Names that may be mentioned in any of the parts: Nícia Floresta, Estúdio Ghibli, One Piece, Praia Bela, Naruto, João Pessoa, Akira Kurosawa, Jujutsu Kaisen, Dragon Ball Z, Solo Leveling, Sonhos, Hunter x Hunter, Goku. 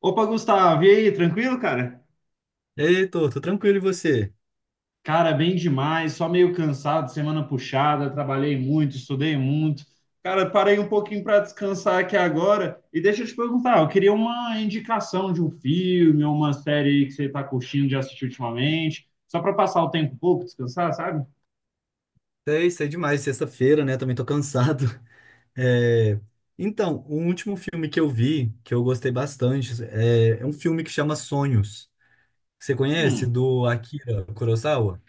Opa, Gustavo, e aí, tranquilo, cara? Ei, Heitor, tô tranquilo e você? Cara, bem demais, só meio cansado, semana puxada, trabalhei muito, estudei muito. Cara, parei um pouquinho para descansar aqui agora. E deixa eu te perguntar, eu queria uma indicação de um filme ou uma série aí que você tá curtindo de assistir ultimamente, só para passar o tempo um pouco, descansar, sabe? Sei demais, sexta-feira, né? Também tô cansado. É. Então, o último filme que eu vi, que eu gostei bastante, é um filme que chama Sonhos. Você conhece? Hum. Do Akira Kurosawa?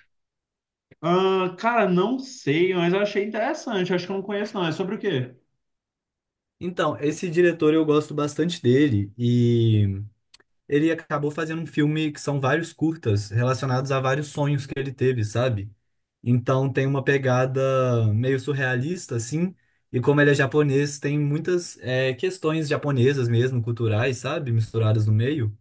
Ah, cara, não sei, mas eu achei interessante, acho que eu não conheço não. É sobre o quê? Então, esse diretor eu gosto bastante dele e ele acabou fazendo um filme que são vários curtas relacionados a vários sonhos que ele teve, sabe? Então tem uma pegada meio surrealista, assim. E como ele é japonês, tem muitas questões japonesas mesmo, culturais, sabe? Misturadas no meio.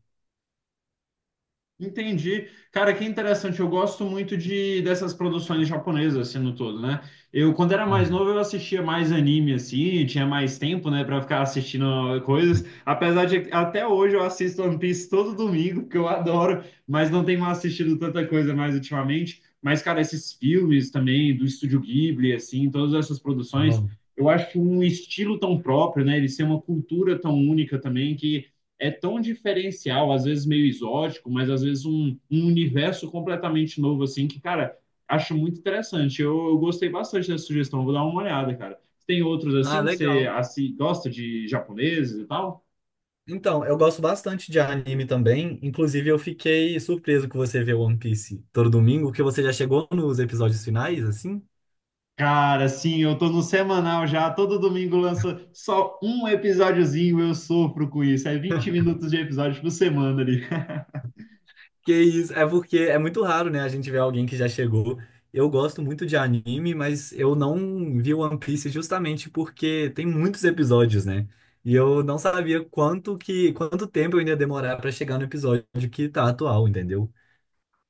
Entendi. Cara, que interessante. Eu gosto muito de dessas produções japonesas, assim, no todo, né? Eu, quando era mais Uhum. novo, eu assistia mais anime, assim, tinha mais tempo, né, pra ficar assistindo coisas. Apesar de, até hoje, eu assisto One Piece todo domingo, que eu adoro, mas não tenho assistido tanta coisa mais ultimamente. Mas, cara, esses filmes também, do Estúdio Ghibli, assim, todas essas Ah, produções, eu acho um estilo tão próprio, né? Eles têm uma cultura tão única também que é tão diferencial, às vezes meio exótico, mas às vezes um universo completamente novo, assim, que, cara, acho muito interessante. Eu gostei bastante dessa sugestão, vou dar uma olhada, cara. Tem outros ah, assim que você legal. assim, gosta de japoneses e tal? Então, eu gosto bastante de anime também. Inclusive, eu fiquei surpreso que você vê One Piece todo domingo, que você já chegou nos episódios finais, assim. Cara, sim, eu tô no semanal já, todo domingo lança só um episódiozinho, eu sofro com isso. É 20 minutos de episódio por semana ali. Que isso, é porque é muito raro, né, a gente ver alguém que já chegou. Eu gosto muito de anime, mas eu não vi One Piece justamente porque tem muitos episódios, né? E eu não sabia quanto tempo eu ainda ia demorar pra chegar no episódio que tá atual, entendeu?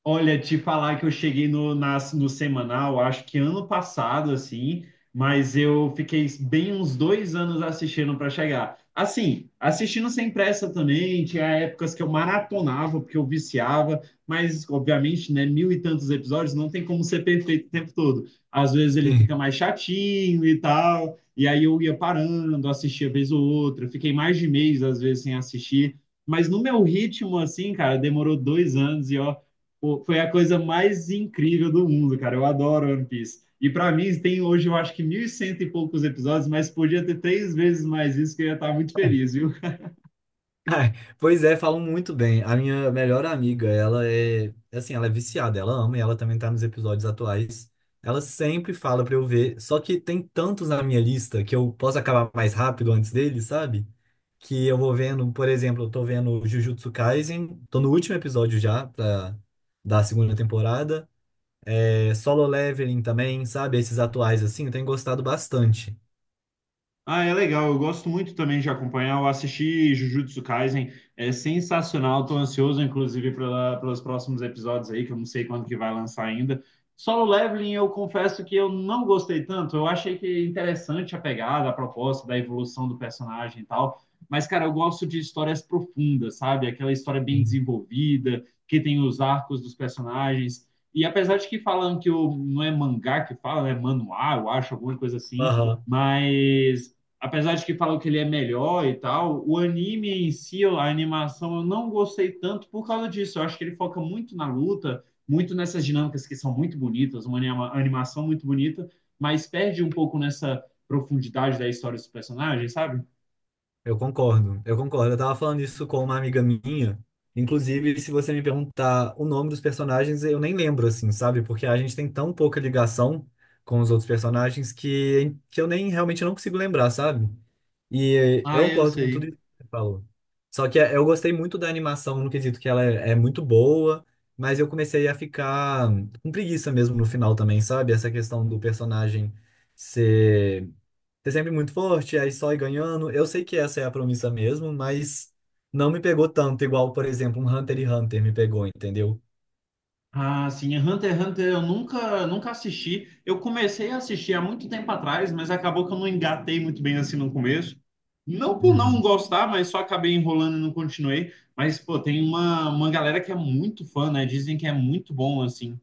Olha, te falar que eu cheguei no semanal, acho que ano passado, assim, mas eu fiquei bem uns dois anos assistindo para chegar. Assim, assistindo sem pressa também, tinha épocas que eu maratonava, porque eu viciava, mas, obviamente, né, mil e tantos episódios, não tem como ser perfeito o tempo todo. Às vezes ele fica mais chatinho e tal, e aí eu ia parando, assistia vez ou outra, fiquei mais de mês, às vezes, sem assistir, mas no meu ritmo, assim, cara, demorou dois anos e, ó. Pô, foi a coisa mais incrível do mundo, cara. Eu adoro One Piece. E pra mim, tem hoje, eu acho que mil e cento e poucos episódios, mas podia ter três vezes mais isso, que eu ia estar muito feliz, viu? Ai. Pois é, falam muito bem. A minha melhor amiga, ela é, assim, ela é viciada, ela ama e ela também tá nos episódios atuais. Ela sempre fala pra eu ver, só que tem tantos na minha lista que eu posso acabar mais rápido antes deles, sabe? Que eu vou vendo, por exemplo, eu tô vendo Jujutsu Kaisen, tô no último episódio já pra, da segunda temporada. É, Solo Leveling também, sabe? Esses atuais assim, eu tenho gostado bastante. Ah, é legal. Eu gosto muito também de acompanhar. Eu assisti Jujutsu Kaisen, é sensacional. Tô ansioso, inclusive, pelos próximos episódios aí, que eu não sei quando que vai lançar ainda. Solo Leveling, eu confesso que eu não gostei tanto. Eu achei que é interessante a pegada, a proposta da evolução do personagem e tal. Mas, cara, eu gosto de histórias profundas, sabe? Aquela história bem Sim. desenvolvida, que tem os arcos dos personagens. E apesar de que falam que o, não é mangá que fala, né? Manuá, eu acho, alguma coisa assim. Aham. Mas apesar de que falam que ele é melhor e tal, o anime em si, a animação, eu não gostei tanto por causa disso. Eu acho que ele foca muito na luta, muito nessas dinâmicas que são muito bonitas, uma animação muito bonita, mas perde um pouco nessa profundidade da história dos personagens, sabe? Eu concordo. Eu tava falando isso com uma amiga minha. Inclusive, se você me perguntar o nome dos personagens, eu nem lembro, assim, sabe? Porque a gente tem tão pouca ligação com os outros personagens que eu nem realmente não consigo lembrar, sabe? E Ah, eu eu concordo com tudo sei. isso que você falou. Só que é, eu gostei muito da animação no quesito que ela é muito boa, mas eu comecei a ficar com preguiça mesmo no final também, sabe? Essa questão do personagem ser ser sempre muito forte, aí só ir ganhando. Eu sei que essa é a promessa mesmo, mas não me pegou tanto, igual, por exemplo, um Hunter x Hunter me pegou, entendeu? Ah, sim, é Hunter x Hunter eu nunca, nunca assisti. Eu comecei a assistir há muito tempo atrás, mas acabou que eu não engatei muito bem assim no começo. Não por não Uhum. gostar, mas só acabei enrolando e não continuei. Mas, pô, tem uma galera que é muito fã, né? Dizem que é muito bom, assim.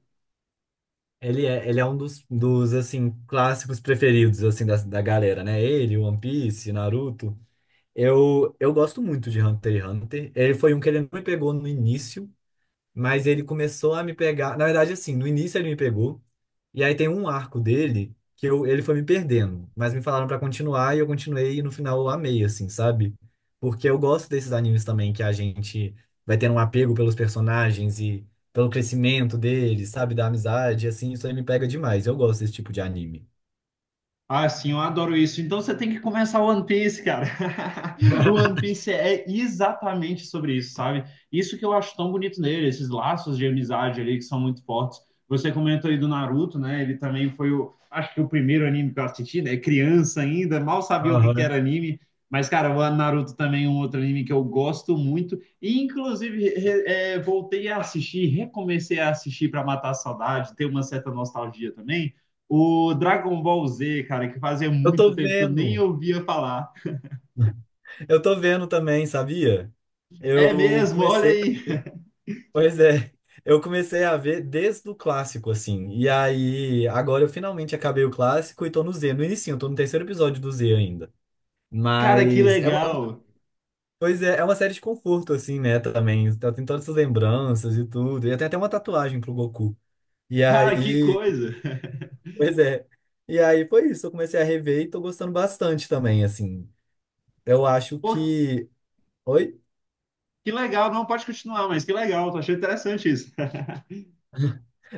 Ele é um dos assim, clássicos preferidos, assim, da galera, né? Ele, One Piece, Naruto. Eu gosto muito de Hunter x Hunter. Ele foi um que ele não me pegou no início. Mas ele começou a me pegar. Na verdade, assim, no início ele me pegou. E aí tem um arco dele que eu, ele foi me perdendo. Mas me falaram pra continuar e eu continuei. E no final eu amei, assim, sabe? Porque eu gosto desses animes também que a gente vai tendo um apego pelos personagens e pelo crescimento deles, sabe? Da amizade, assim. Isso aí me pega demais. Eu gosto desse tipo de anime. Ah, sim, eu adoro isso. Então você tem que começar o One Piece, cara. O One Piece é exatamente sobre isso, sabe? Isso que eu acho tão bonito nele, esses laços de amizade ali que são muito fortes. Você comentou aí do Naruto, né? Ele também foi o, acho que o primeiro anime que eu assisti, né? Criança ainda, mal sabia o que que Aham. era anime. Mas, cara, o Naruto também é um outro anime que eu gosto muito. E, inclusive, voltei a assistir, recomecei a assistir para matar a saudade, ter uma certa nostalgia também. O Dragon Ball Z, cara, que fazia Eu tô muito tempo que eu nem vendo. ouvia falar. Eu tô vendo também, sabia? É Eu mesmo, olha comecei. aí. Pois é, eu comecei a ver desde o clássico, assim. E aí, agora eu finalmente acabei o clássico e tô no Z, no início, eu tô no terceiro episódio do Z ainda. Cara, que Mas é, uma- legal. Pois é, é uma série de conforto, assim, né, também. Tem todas essas lembranças e tudo. E tem até uma tatuagem pro Goku. E Ah, que aí, coisa. pois é. E aí foi isso, eu comecei a rever e tô gostando bastante também, assim. Eu acho Pô, que. Oi? que legal, não pode continuar, mas que legal, tô achando interessante isso.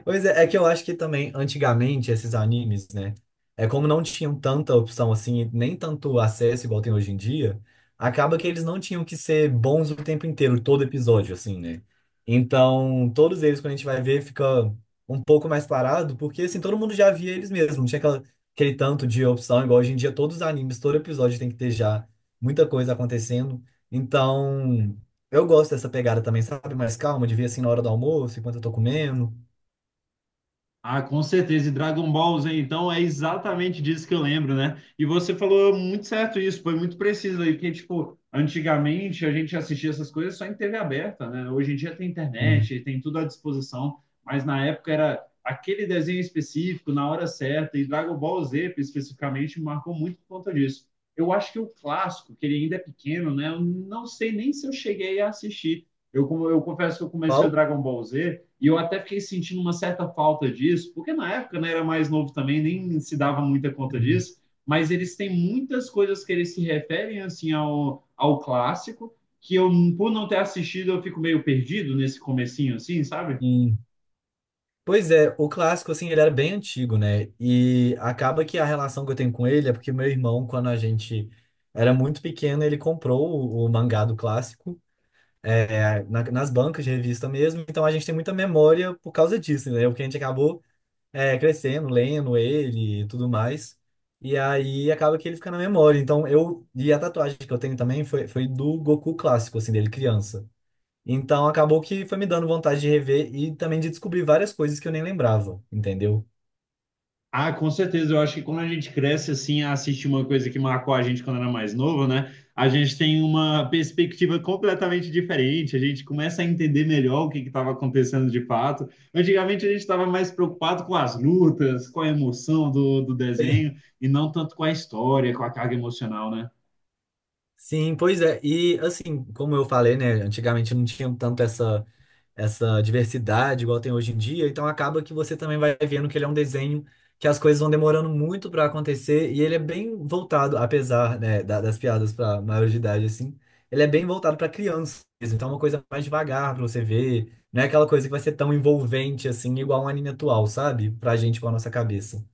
Pois é, é que eu acho que também, antigamente, esses animes, né? É como não tinham tanta opção assim, nem tanto acesso igual tem hoje em dia, acaba que eles não tinham que ser bons o tempo inteiro, todo episódio, assim, né? Então, todos eles, quando a gente vai ver, fica um pouco mais parado, porque assim, todo mundo já via eles mesmos, não tinha aquela, aquele tanto de opção, igual hoje em dia, todos os animes, todo episódio tem que ter já muita coisa acontecendo. Então, eu gosto dessa pegada também, sabe? Mais calma, de ver assim na hora do almoço, enquanto eu tô comendo. Ah, com certeza. E Dragon Ball Z, então, é exatamente disso que eu lembro, né? E você falou muito certo isso, foi muito preciso aí, porque, tipo, antigamente a gente assistia essas coisas só em TV aberta, né? Hoje em dia tem internet, tem tudo à disposição, mas na época era aquele desenho específico, na hora certa, e Dragon Ball Z, especificamente, me marcou muito por conta disso. Eu acho que o clássico, que ele ainda é pequeno, né? Eu não sei nem se eu cheguei a assistir. Eu confesso que eu comecei o Qual? Dragon Ball Z e eu até fiquei sentindo uma certa falta disso, porque na época né, era mais novo também, nem se dava muita conta disso, mas eles têm muitas coisas que eles se referem assim ao clássico, que eu, por não ter assistido, eu fico meio perdido nesse comecinho, assim, sabe? Sim. Pois é, o clássico, assim, ele era bem antigo, né? E acaba que a relação que eu tenho com ele é porque meu irmão, quando a gente era muito pequeno, ele comprou o mangá do clássico, é, nas bancas de revista mesmo. Então a gente tem muita memória por causa disso, né? Porque a gente acabou, é, crescendo, lendo ele e tudo mais. E aí acaba que ele fica na memória. Então eu. E a tatuagem que eu tenho também foi do Goku clássico, assim, dele criança. Então acabou que foi me dando vontade de rever e também de descobrir várias coisas que eu nem lembrava, entendeu? Ah, com certeza. Eu acho que quando a gente cresce assim, a assistir uma coisa que marcou a gente quando era mais novo, né? A gente tem uma perspectiva completamente diferente. A gente começa a entender melhor o que estava acontecendo de fato. Antigamente a gente estava mais preocupado com as lutas, com a emoção do desenho e não tanto com a história, com a carga emocional, né? Sim, pois é. E assim, como eu falei, né, antigamente não tinha tanto essa essa diversidade igual tem hoje em dia, então acaba que você também vai vendo que ele é um desenho que as coisas vão demorando muito para acontecer e ele é bem voltado, apesar, né, das piadas para maior de idade assim, ele é bem voltado para crianças, então é uma coisa mais devagar para você ver, não é aquela coisa que vai ser tão envolvente assim igual um anime atual, sabe? Pra gente com a nossa cabeça.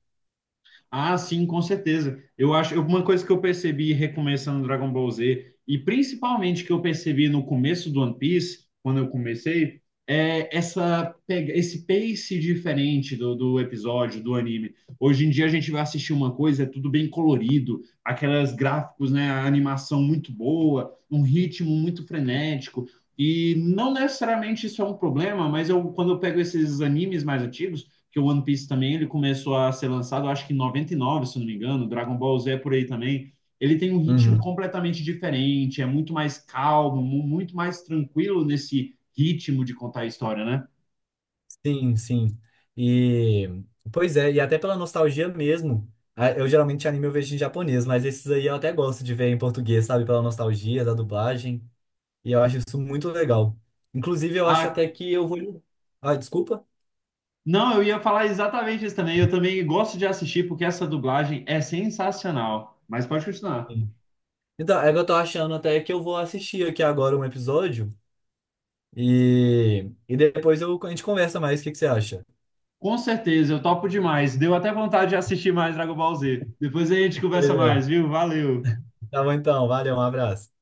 Ah, sim, com certeza. Eu acho, uma coisa que eu percebi recomeçando Dragon Ball Z, e principalmente que eu percebi no começo do One Piece, quando eu comecei, é essa pega, esse pace diferente do episódio, do anime. Hoje em dia a gente vai assistir uma coisa, é tudo bem colorido, aquelas gráficos, né, a animação muito boa, um ritmo muito frenético. E não necessariamente isso é um problema, mas eu, quando eu pego esses animes mais antigos, que o One Piece também ele começou a ser lançado, acho que em 99, se não me engano, Dragon Ball Z é por aí também. Ele tem um ritmo Uhum. completamente diferente, é muito mais calmo, muito mais tranquilo nesse ritmo de contar a história, né? Sim. E pois é, e até pela nostalgia mesmo. Eu geralmente anime eu vejo em japonês, mas esses aí eu até gosto de ver em português, sabe? Pela nostalgia da dublagem. E eu acho isso muito legal. Inclusive, eu acho A... até que eu vou. Ah, desculpa. Não, eu ia falar exatamente isso também. Eu também gosto de assistir porque essa dublagem é sensacional. Mas pode continuar. Sim. Então, é que eu tô achando até que eu vou assistir aqui agora um episódio e depois eu... a gente conversa mais. O que que você acha? Com certeza, eu topo demais. Deu até vontade de assistir mais Dragon Ball Z. Depois a gente conversa Pois é. mais, viu? Valeu! Tá bom então, valeu, um abraço.